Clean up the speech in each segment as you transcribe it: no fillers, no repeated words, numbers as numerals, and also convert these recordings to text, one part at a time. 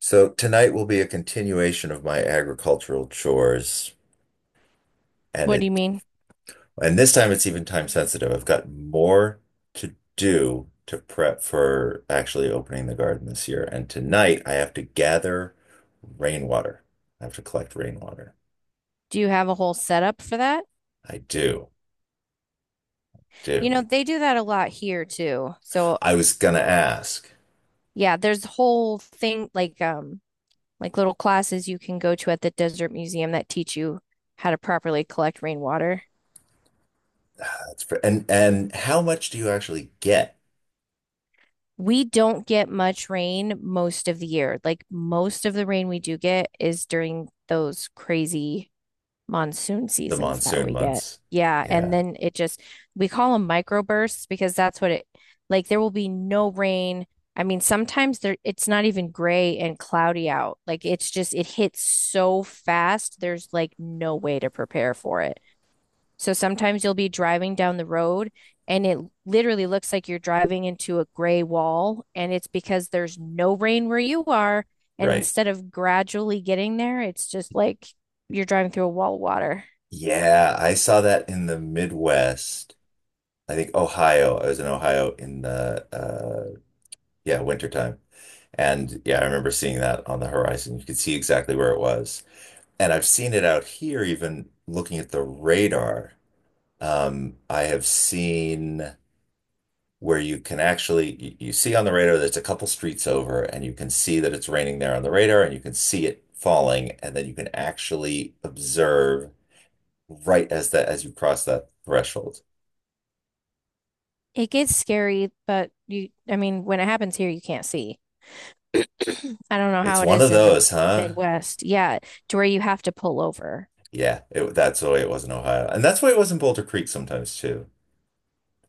So tonight will be a continuation of my agricultural chores, and What do you it mean? and this time it's even time sensitive. I've got more to do to prep for actually opening the garden this year. And tonight I have to gather rainwater. I have to collect rainwater. Do you have a whole setup for that? I do, do. You know, they do that a lot here too. So, I was gonna ask, yeah, there's whole thing like like little classes you can go to at the Desert Museum that teach you how to properly collect rainwater. ah, that's and how much do you actually get We don't get much rain most of the year. Like most of the rain we do get is during those crazy monsoon the seasons that monsoon we get. months? Yeah, and Yeah, then it just we call them microbursts because that's what it like there will be no rain. I mean, sometimes there it's not even gray and cloudy out. Like it's just it hits so fast, there's like no way to prepare for it. So sometimes you'll be driving down the road and it literally looks like you're driving into a gray wall and it's because there's no rain where you are and right. instead of gradually getting there, it's just like you're driving through a wall of water. Yeah, I saw that in the Midwest. I think Ohio. I was in Ohio in the yeah, wintertime. And yeah, I remember seeing that on the horizon. You could see exactly where it was. And I've seen it out here even looking at the radar. I have seen where you can actually you see on the radar that's a couple streets over and you can see that it's raining there on the radar and you can see it falling and then you can actually observe right as that as you cross that threshold. It gets scary, but you, I mean, when it happens here, you can't see. I don't know It's how it one of is in the those, huh? Midwest. Yeah, to where you have to pull over. Yeah, that's the way it was in Ohio. And that's why it was in Boulder Creek sometimes too.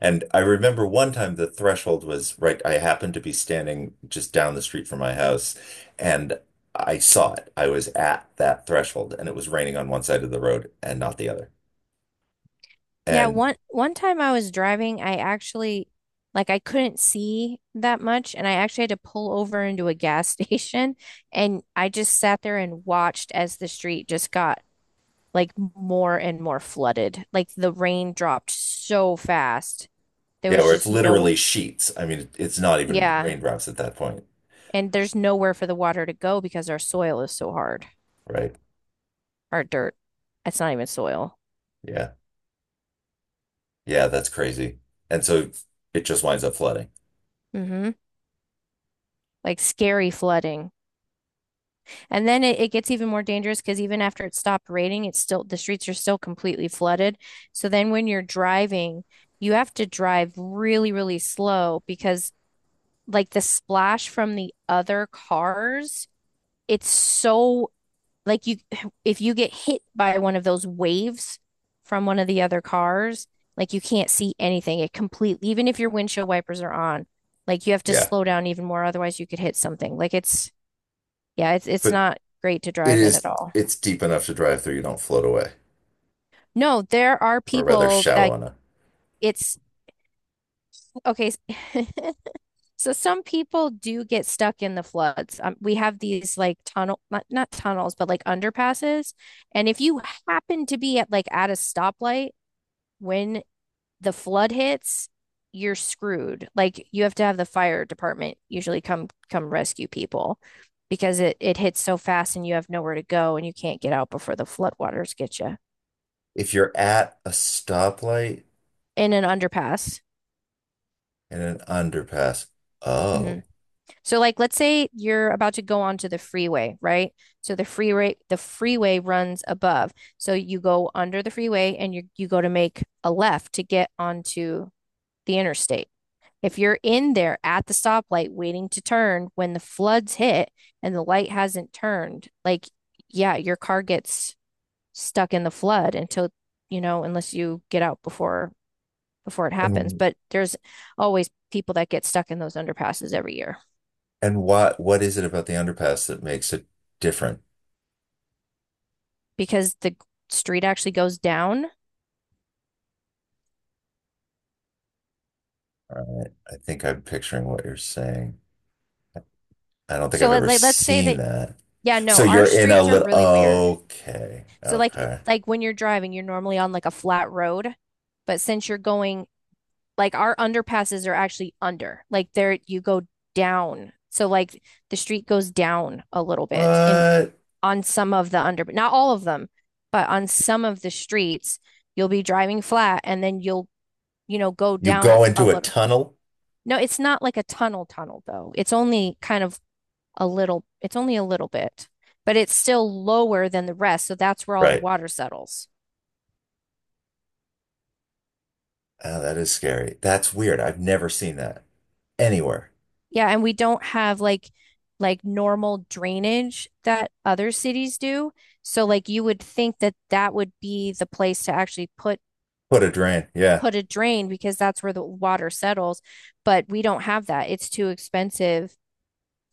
And I remember one time the threshold was right. I happened to be standing just down the street from my house and I saw it. I was at that threshold and it was raining on one side of the road and not the other. Yeah, And one time I was driving, I actually like I couldn't see that much and I actually had to pull over into a gas station and I just sat there and watched as the street just got like more and more flooded. Like the rain dropped so fast. There yeah, was where it's just no, literally sheets. I mean, it's not even yeah, raindrops at that point, and there's nowhere for the water to go because our soil is so hard, right? our dirt. It's not even soil. Yeah. Yeah, that's crazy. And so it just winds up flooding. Hmm. Like scary flooding. And then it gets even more dangerous because even after it stopped raining, it's still the streets are still completely flooded. So then when you're driving, you have to drive really, really slow because like the splash from the other cars, it's so like you if you get hit by one of those waves from one of the other cars, like you can't see anything. It completely even if your windshield wipers are on, like you have to Yeah. slow down even more otherwise you could hit something. Like it's yeah, it's But not great to it drive in at is, all. it's deep enough to drive through. You don't float away. No, there are Or rather people shallow that enough. it's okay. So some people do get stuck in the floods. We have these like tunnel, not tunnels, but like underpasses. And if you happen to be at like at a stoplight when the flood hits, you're screwed. Like you have to have the fire department usually come rescue people because it hits so fast and you have nowhere to go and you can't get out before the floodwaters get you If you're at a stoplight in an underpass. and an underpass, Hmm. oh, So like let's say you're about to go onto the freeway, right? So the freeway runs above. So you go under the freeway and you go to make a left to get onto the interstate. If you're in there at the stoplight waiting to turn when the floods hit and the light hasn't turned, like, yeah, your car gets stuck in the flood until, you know, unless you get out before before it happens. and But there's always people that get stuck in those underpasses every year and what is it about the underpass that makes it different? because the street actually goes down. All right, I think I'm picturing what you're saying. I don't think So I've let, ever let let's say seen that that. yeah, no, So our you're in a streets are little, really weird. okay, So like okay. like when you're driving, you're normally on like a flat road, but since you're going like our underpasses are actually under. Like there you go down. So like the street goes down a little bit in What? on some of the under not all of them, but on some of the streets you'll be driving flat and then you'll, you know, go You down go a into a little. tunnel? No, it's not like a tunnel tunnel though. It's only kind of a little, it's only a little bit, but it's still lower than the rest. So that's where all the Right. water settles. Oh, that is scary. That's weird. I've never seen that anywhere. Yeah, and we don't have like normal drainage that other cities do. So like you would think that that would be the place to actually put What a drain. Yeah. put a drain because that's where the water settles, but we don't have that. It's too expensive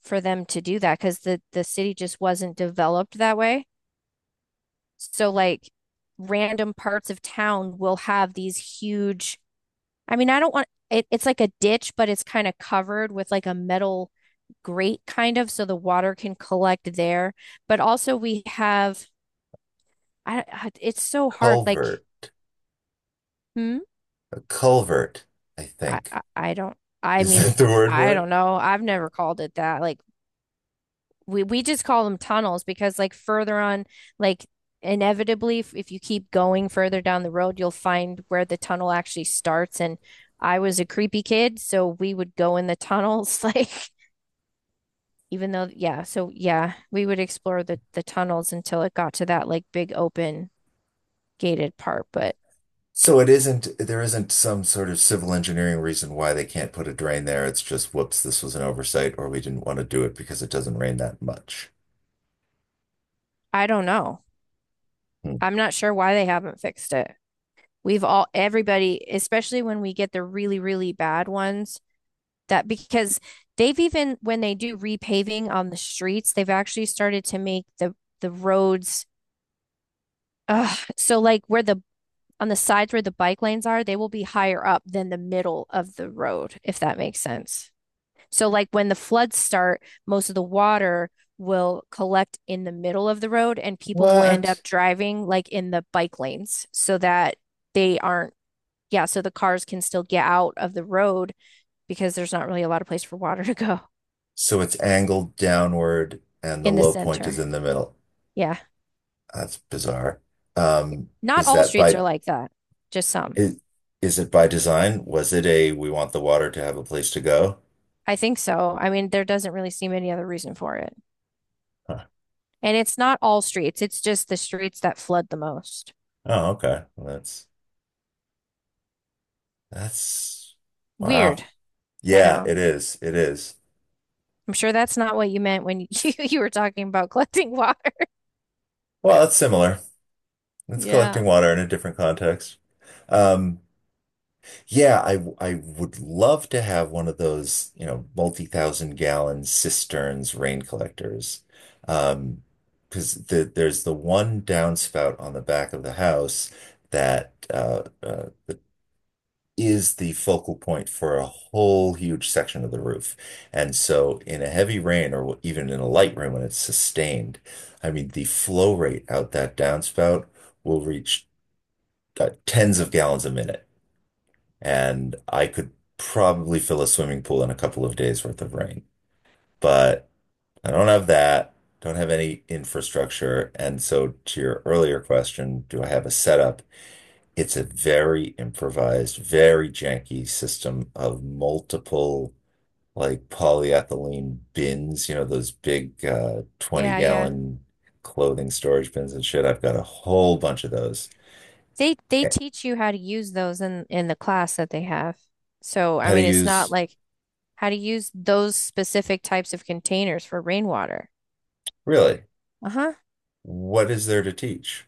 for them to do that because the city just wasn't developed that way. So like random parts of town will have these huge, I mean, I don't want it, it's like a ditch, but it's kind of covered with like a metal grate kind of so the water can collect there. But also we have I it's so hard like Culvert. hmm A culvert, I I think. I, I don't I Is mean that the word for I don't it? know. I've never called it that. Like we just call them tunnels because like further on like inevitably if you keep going further down the road you'll find where the tunnel actually starts and I was a creepy kid so we would go in the tunnels like even though yeah so yeah we would explore the tunnels until it got to that like big open gated part, but So it isn't, there isn't some sort of civil engineering reason why they can't put a drain there. It's just, whoops, this was an oversight, or we didn't want to do it because it doesn't rain that much. I don't know. Hmm. I'm not sure why they haven't fixed it. We've all, everybody, especially when we get the really, really bad ones, that because they've even, when they do repaving on the streets, they've actually started to make the roads, so like where the, on the sides where the bike lanes are, they will be higher up than the middle of the road, if that makes sense. So, like when the floods start, most of the water will collect in the middle of the road and people will end up What? driving like in the bike lanes so that they aren't, yeah, so the cars can still get out of the road because there's not really a lot of place for water to go So it's angled downward and the in the low point is center. in the middle. Yeah. That's bizarre. Um, Not is all that streets are by like that, just some. Is, is it by design? Was it a we want the water to have a place to go? I think so. I mean, there doesn't really seem any other reason for it. Huh. And it's not all streets, it's just the streets that flood the most. Oh, okay. Well, that's Weird. wow. I Yeah, know. it is. It is. I'm sure that's not what you meant when you, you were talking about collecting water. Well, it's similar. It's collecting Yeah. water in a different context. Um, yeah, I would love to have one of those, you know, multi-thousand gallon cisterns rain collectors. Um, because there's the one downspout on the back of the house that the is the focal point for a whole huge section of the roof. And so, in a heavy rain or even in a light rain when it's sustained, I mean, the flow rate out that downspout will reach tens of gallons a minute. And I could probably fill a swimming pool in a couple of days worth of rain. But I don't have any infrastructure. And so, to your earlier question, do I have a setup? It's a very improvised, very janky system of multiple like polyethylene bins, you know, those big 20 Yeah, yeah. gallon clothing storage bins and shit. I've got a whole bunch of those. They Eh, teach you how to use those in the class that they have. So, I How to mean, it's not use, like how to use those specific types of containers for rainwater. really, Uh-huh. what is there to teach?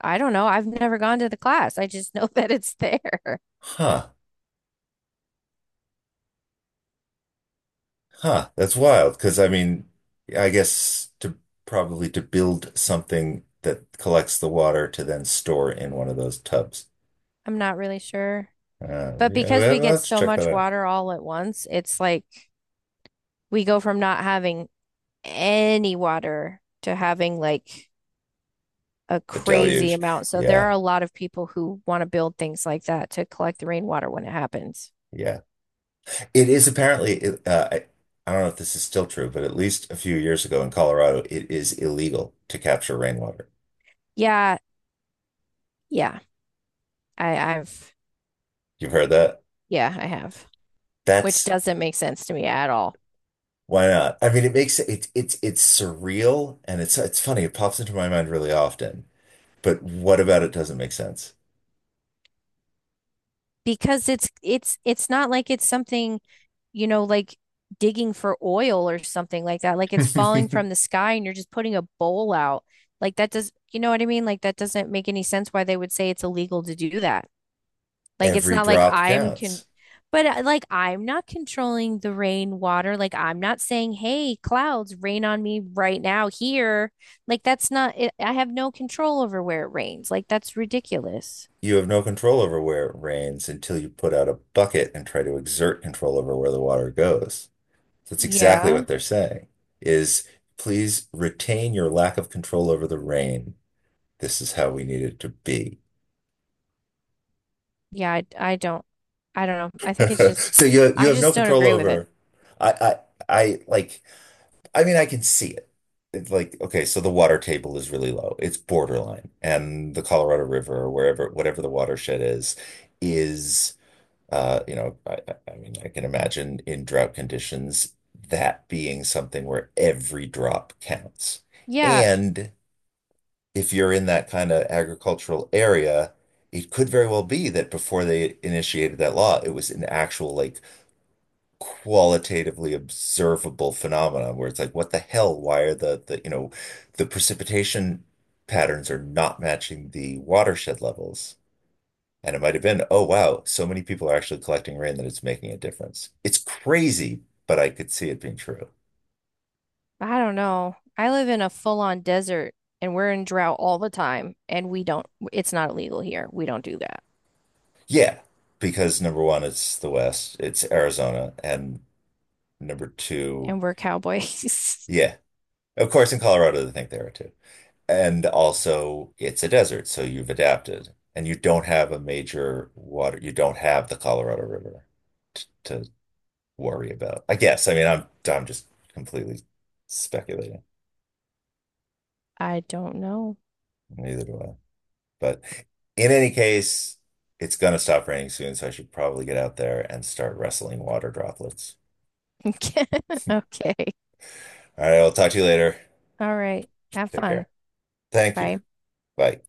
I don't know. I've never gone to the class. I just know that it's there. Huh, huh, that's wild. Because I mean, I guess to probably to build something that collects the water to then store in one of those tubs. I'm not really sure. But Yeah, because well, we get let's so check that much out. water all at once, it's like we go from not having any water to having like a A crazy deluge. amount. So there are Yeah, a lot of people who want to build things like that to collect the rainwater when it happens. yeah. It is apparently, it- I don't know if this is still true, but at least a few years ago in Colorado, it is illegal to capture rainwater. Yeah, yeah. I've You've heard that? yeah, I have, which That's doesn't make sense to me at all. why not? I mean, it it's surreal and it's funny. It pops into my mind really often. But what about it doesn't make sense? Because it's not like it's something, you know, like digging for oil or something like that. Like it's falling from the sky and you're just putting a bowl out. Like that does, you know what I mean? Like that doesn't make any sense why they would say it's illegal to do that. Like it's Every not like drop I'm can counts. but like I'm not controlling the rain water. Like I'm not saying, "Hey, clouds, rain on me right now here." Like that's not it, I have no control over where it rains. Like that's ridiculous. You have no control over where it rains until you put out a bucket and try to exert control over where the water goes. That's exactly Yeah. what they're saying is please retain your lack of control over the rain. This is how we need it to be. Yeah, I don't know. I think it's just So you I have no just don't control agree with it. over I I I like I mean I can see it. It's like okay, so the water table is really low. It's borderline. And the Colorado River or wherever whatever the watershed is you know I mean I can imagine in drought conditions that being something where every drop counts. Yeah, And if you're in that kind of agricultural area, it could very well be that before they initiated that law, it was an actual like qualitatively observable phenomenon where it's like, what the hell? Why are the you know the precipitation patterns are not matching the watershed levels? And it might have been, oh wow, so many people are actually collecting rain that it's making a difference. It's crazy, but I could see it being true. I don't know. I live in a full-on desert and we're in drought all the time and we don't it's not illegal here. We don't do that. Yeah, because number one, it's the West, it's Arizona, and number two. And we're cowboys. Yeah. Of course, in Colorado, they think there are too. And also, it's a desert, so you've adapted. And you don't have the Colorado River t to worry about. I guess. I mean, I'm just completely speculating. I don't know. Neither do I. But in any case, it's gonna stop raining soon, so I should probably get out there and start wrestling water droplets. Okay. Okay. All right, I'll talk to you later. All right. Have Take fun. care. Thank you. Bye. Bye.